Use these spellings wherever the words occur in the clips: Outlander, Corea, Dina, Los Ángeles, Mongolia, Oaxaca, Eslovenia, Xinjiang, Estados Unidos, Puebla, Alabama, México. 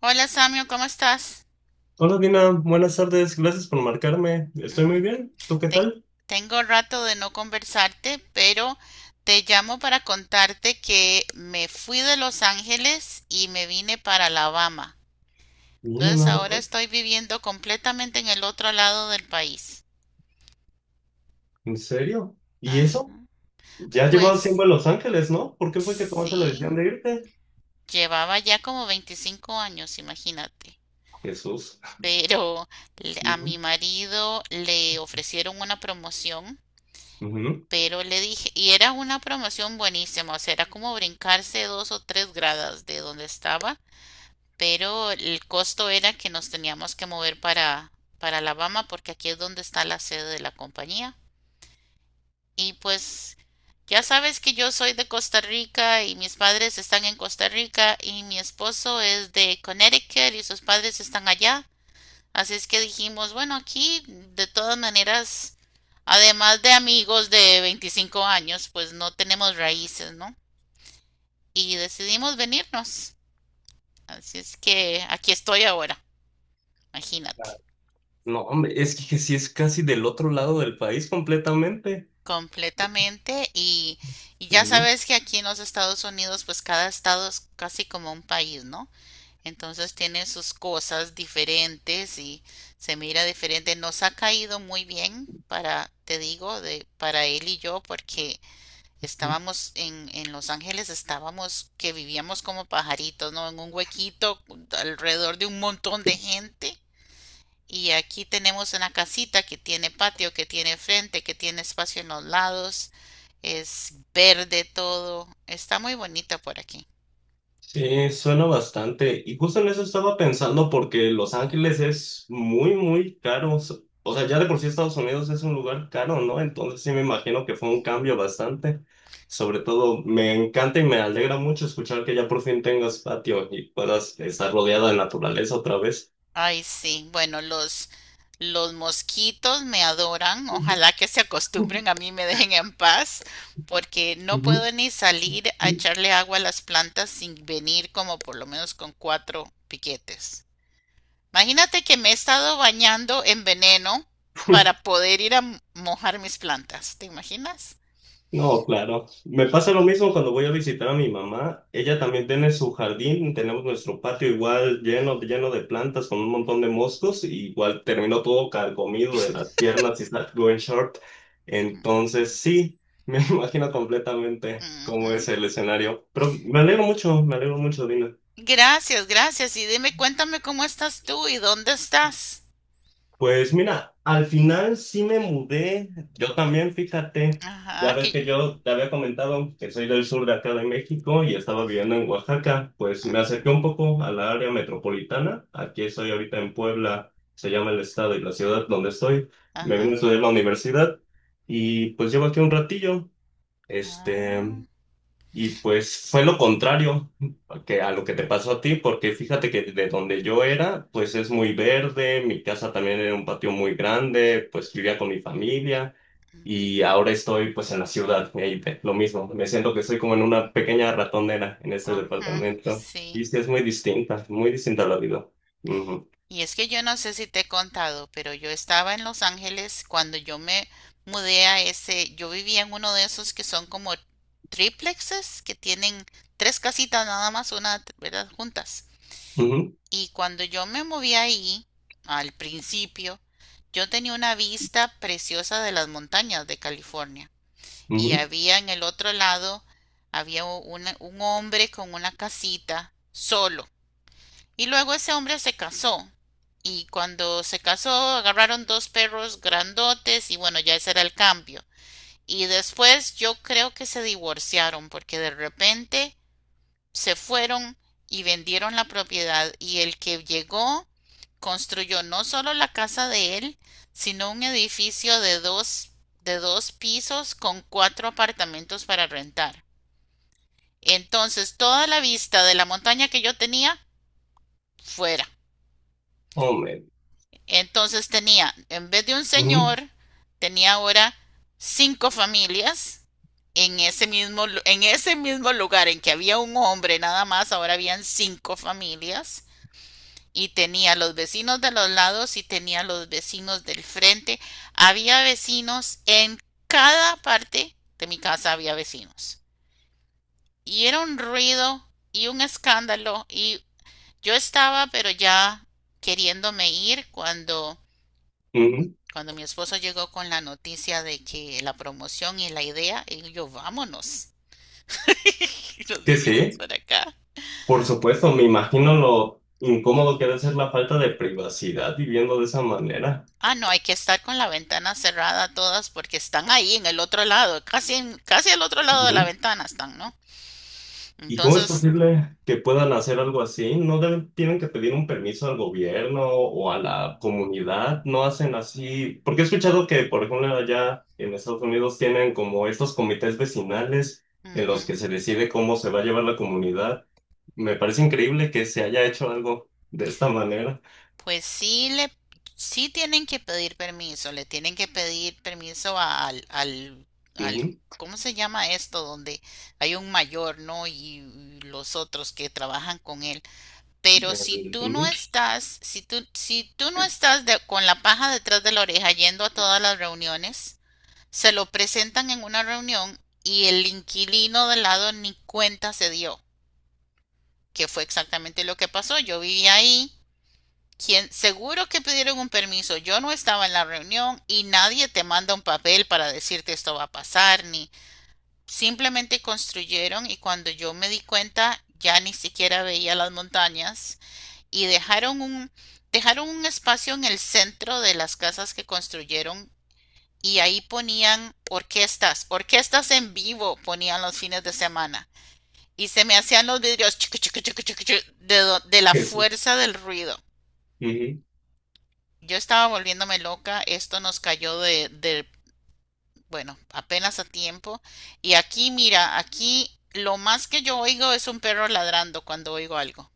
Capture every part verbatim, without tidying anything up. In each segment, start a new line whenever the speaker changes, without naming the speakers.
Hola Samio, ¿cómo estás?
Hola Dina, buenas tardes, gracias por marcarme. Estoy
Mm,
muy bien, ¿tú qué
ten-
tal?
Tengo rato de no conversarte, pero te llamo para contarte que me fui de Los Ángeles y me vine para Alabama.
Mira,
Entonces
nada
ahora
mal.
estoy viviendo completamente en el otro lado del país.
¿En serio? ¿Y eso?
Ajá.
Ya llevas tiempo
Pues
en Los Ángeles, ¿no? ¿Por qué fue que tomaste la decisión
sí,
de irte?
llevaba ya como veinticinco años, imagínate.
Jesús.
Pero le- a mi
Ujú,
marido le ofrecieron una promoción.
ujú.
Pero le dije, y era una promoción buenísima, o sea, era como brincarse dos o tres gradas de donde estaba, pero el costo era que nos teníamos que mover para, para Alabama porque aquí es donde está la sede de la compañía. Y pues ya sabes que yo soy de Costa Rica y mis padres están en Costa Rica y mi esposo es de Connecticut y sus padres están allá. Así es que dijimos, bueno, aquí de todas maneras, además de amigos de 25 años, pues no tenemos raíces, ¿no? Y decidimos venirnos. Así es que aquí estoy ahora, imagínate,
No, hombre, es que sí es casi del otro lado del país completamente.
completamente. Y, y ya
Ujú.
sabes que aquí en los Estados Unidos, pues cada estado es casi como un país, ¿no? Entonces tiene sus cosas diferentes y se mira diferente. Nos ha caído muy bien para, te digo, de, para él y yo, porque estábamos en, en Los Ángeles, estábamos que vivíamos como pajaritos, ¿no? En un huequito alrededor de un montón de gente. Y aquí tenemos una casita que tiene patio, que tiene frente, que tiene espacio en los lados. Es verde todo. Está muy bonita por aquí.
Sí, suena bastante. Y justo en eso estaba pensando porque Los Ángeles es muy, muy caro. S- O sea, ya de por sí Estados Unidos es un lugar caro, ¿no? Entonces sí me imagino que fue un cambio bastante. Sobre todo, me encanta y me alegra mucho escuchar que ya por fin tengas patio y puedas estar rodeada de naturaleza otra vez.
Ay, sí. Bueno, los, los mosquitos me adoran. Ojalá que se
Ujú,
acostumbren a mí y me dejen en paz, porque no
ujú.
puedo ni salir a echarle agua a las plantas sin venir como por lo menos con cuatro piquetes. Imagínate que me he estado bañando en veneno para poder ir a m- mojar mis plantas. ¿Te imaginas?
No, claro. Me pasa lo mismo cuando voy a visitar a mi mamá. Ella también tiene su jardín, tenemos nuestro patio igual lleno, lleno de plantas con un montón de moscos, y igual terminó todo carcomido de las piernas y está going short. Entonces, sí, me imagino completamente cómo
Ujú.
es el escenario. Pero me alegro mucho, me alegro mucho, Dina.
Gracias, gracias. Y dime, cuéntame cómo estás tú y dónde estás.
Pues mira, al final sí me mudé, yo también, fíjate, ya
Ajá,
ves
que...
que yo te había comentado que soy del sur de acá de México y estaba viviendo en Oaxaca, pues me
Ajá,
acerqué un poco a la área metropolitana, aquí estoy ahorita en Puebla, se llama el estado y la ciudad donde estoy, me vine a
ajá.
estudiar la universidad y pues llevo aquí un ratillo,
Ah,
este, y pues fue lo contrario que a lo que te pasó a ti, porque fíjate que de donde yo era, pues es muy verde, mi casa también era un patio muy grande, pues vivía con mi familia
ujú,
y ahora estoy pues en la ciudad, y ahí te- lo mismo, me siento que estoy como en una pequeña ratonera en este
ajá,
departamento y
sí.
sí es muy distinta, muy distinta la vida. Ujú,
Y es que yo no sé si te he contado, pero yo estaba en Los Ángeles cuando yo me mudé a ese, yo vivía en uno de esos que son como triplexes, que tienen tres casitas nada más, una, ¿verdad? Juntas.
ujú,
Y cuando yo me moví ahí, al principio, yo tenía una vista preciosa de las montañas de California. Y
ujú,
había en el otro lado, había u- una- un hombre con una casita solo. Y luego ese hombre se casó. Y cuando se casó, agarraron dos perros grandotes y bueno, ya ese era el cambio. Y después yo creo que se divorciaron porque de repente se fueron y vendieron la propiedad y el que llegó construyó no solo la casa de él, sino un edificio de dos, de dos pisos con cuatro apartamentos para rentar. Entonces toda la vista de la montaña que yo tenía fuera.
oh, man,
Entonces tenía, en vez de un
ujú,
señor, tenía ahora cinco familias en ese mismo, en ese mismo lugar en que había un hombre nada más, ahora habían cinco familias y tenía los vecinos de los lados y tenía los vecinos del frente. Había vecinos en cada parte de mi casa había vecinos. Y era un ruido y un escándalo y yo estaba pero ya queriéndome ir cuando
ujú,
Cuando mi esposo llegó con la noticia de que la promoción y la idea, y yo, vámonos. Y nos
que
vinimos
sí.
para acá.
Por supuesto, me imagino lo incómodo que debe ser la falta de privacidad viviendo de esa manera.
Ah, no, hay que estar con la ventana cerrada todas porque están ahí en el otro lado, casi en, casi al otro lado de la
Ujú.
ventana están, ¿no?
¿Y cómo es
Entonces,
posible que puedan hacer algo así? ¿No deben- ¿Tienen que pedir un permiso al gobierno o a la comunidad? ¿No hacen así? Porque he escuchado que, por ejemplo, allá en Estados Unidos tienen como estos comités vecinales en
ujú,
los que se decide cómo se va a llevar la comunidad. Me parece increíble que se haya hecho algo de esta manera.
pues sí le, sí tienen que pedir permiso, le tienen que pedir permiso a- al, al, al,
Ujú.
¿cómo se llama esto? Donde hay un mayor, ¿no? Y, y los otros que trabajan con él.
Y
Pero si
el-
tú no
ujú.
estás, si tú, si tú no estás de- con la paja detrás de la oreja yendo a todas las reuniones, se lo presentan en una reunión y el inquilino de lado ni cuenta se dio, que fue exactamente lo que pasó. Yo vivía ahí, quien, seguro que pidieron un permiso, yo no estaba en la reunión y nadie te manda un papel para decirte esto va a pasar, ni simplemente construyeron y cuando yo me di cuenta ya ni siquiera veía las montañas y dejaron un, dejaron un espacio en el centro de las casas que construyeron y ahí ponían orquestas, orquestas en vivo ponían los fines de semana y se me hacían los vidrios chucu, chucu, chucu, chucu, de, de la
Eso.
fuerza del ruido. Yo estaba volviéndome loca, esto nos cayó de, de, bueno, apenas a tiempo. Y aquí, mira, aquí lo más que yo oigo es un perro ladrando cuando oigo algo.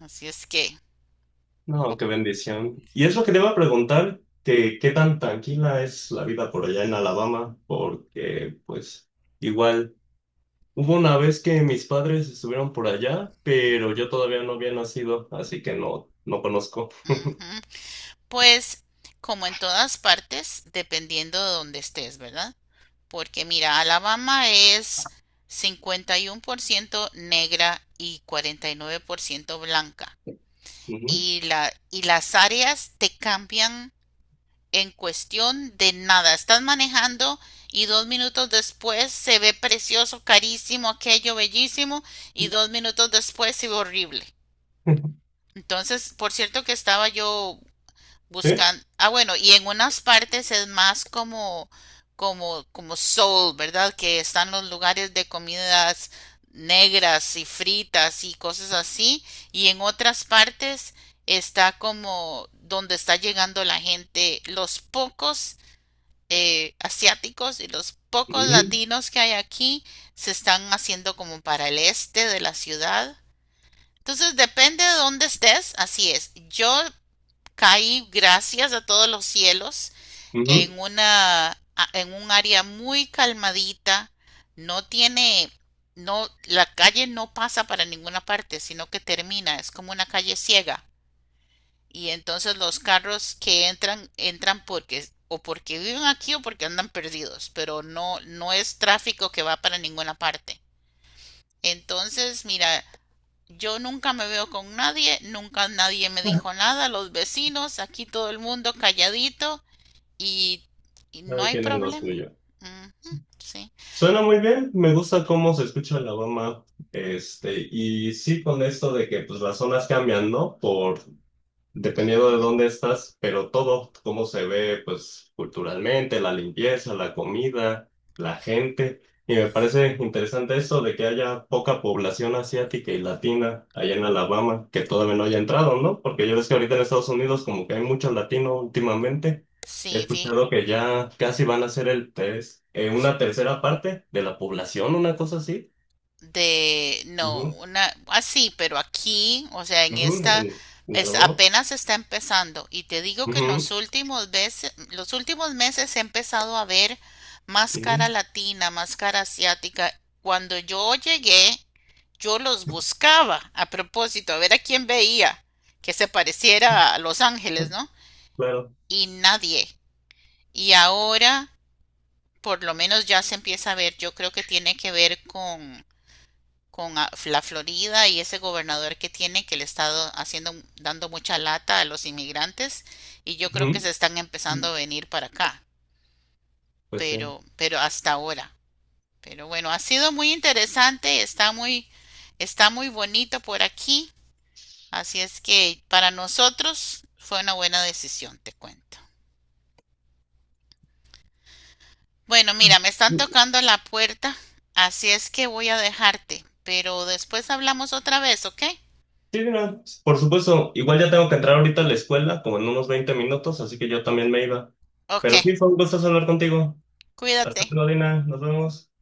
Así es que,
No, qué bendición. Y es lo que te iba a preguntar, que qué tan tranquila es la vida por allá en Alabama, porque pues igual hubo una vez que mis padres estuvieron por allá, pero yo todavía no había nacido, así que no, no conozco.
ujú. Pues como en todas partes, dependiendo de donde estés, ¿verdad? Porque mira, Alabama es cincuenta y uno por ciento negra y cuarenta y nueve por ciento blanca.
Ujú.
Y, la, y las áreas te cambian en cuestión de nada. Estás manejando y dos minutos después se ve precioso, carísimo, aquello bellísimo y dos minutos después se ve horrible. Entonces, por cierto que estaba yo
Sí,
buscan, ah, bueno, y en unas partes es más como, como, como soul, ¿verdad? Que están los lugares de comidas negras y fritas y cosas así, y en otras partes está como donde está llegando la gente, los pocos eh, asiáticos y los pocos
ujú,
latinos que hay aquí se están haciendo como para el este de la ciudad. Entonces depende de dónde estés, así es. Yo caí gracias a todos los cielos
ujú.
en una a- en un área muy calmadita, no tiene no la calle no pasa para ninguna parte, sino que termina, es como una calle ciega y entonces los carros que entran entran porque o porque viven aquí o porque andan perdidos, pero no no es tráfico que va para ninguna parte. Entonces, mira, yo nunca me veo con nadie, nunca nadie me dijo nada, los vecinos, aquí todo el mundo calladito y, y no
Cada
hay
quien en lo
problema.
suyo.
Ujú,
Sí.
sí,
Suena muy bien, me gusta cómo se escucha Alabama, este, y sí con esto de que pues las zonas cambian, ¿no? Por Dependiendo de
ujú.
dónde estás, pero todo, cómo se ve, pues culturalmente, la limpieza, la comida, la gente. Y me parece interesante eso de que haya poca población asiática y latina allá en Alabama, que todavía no haya entrado, ¿no? Porque yo ves que ahorita en Estados Unidos como que hay mucho latino últimamente.
Sí,
He
fí-
escuchado que ya casi van a ser el tres, eh, una tercera parte de la población, una cosa así.
de, no,
Ujú,
una, así, pero aquí, o sea, en
ujú,
esta,
en, en
es,
Alabama.
apenas está empezando. Y te digo que en
Ujú,
los últimos veces, los últimos meses he empezado a ver más cara
ujú,
latina, más cara asiática. Cuando yo llegué, yo los buscaba a propósito, a ver a quién veía que se pareciera a Los Ángeles, ¿no?
claro.
Y nadie. Y ahora, por lo menos ya se empieza a ver, yo creo que tiene que ver con con la Florida y ese gobernador que tiene que le está haciendo dando mucha lata a los inmigrantes y yo creo que
Ujú.
se están empezando a venir para acá,
Pues sí.
pero pero hasta ahora. Pero bueno, ha sido muy interesante, está muy está muy bonito por aquí, así es que para nosotros fue una buena decisión, te cuento. Bueno, mira, me están tocando la puerta, así es que voy a dejarte, pero después hablamos otra vez, ¿ok?
Sí, mira, por supuesto, igual ya tengo que entrar ahorita a la escuela, como en unos veinte minutos, así que yo también me iba.
Ok,
Pero sí, fue un gusto hablar contigo. Hasta
cuídate.
luego, Dina, nos vemos.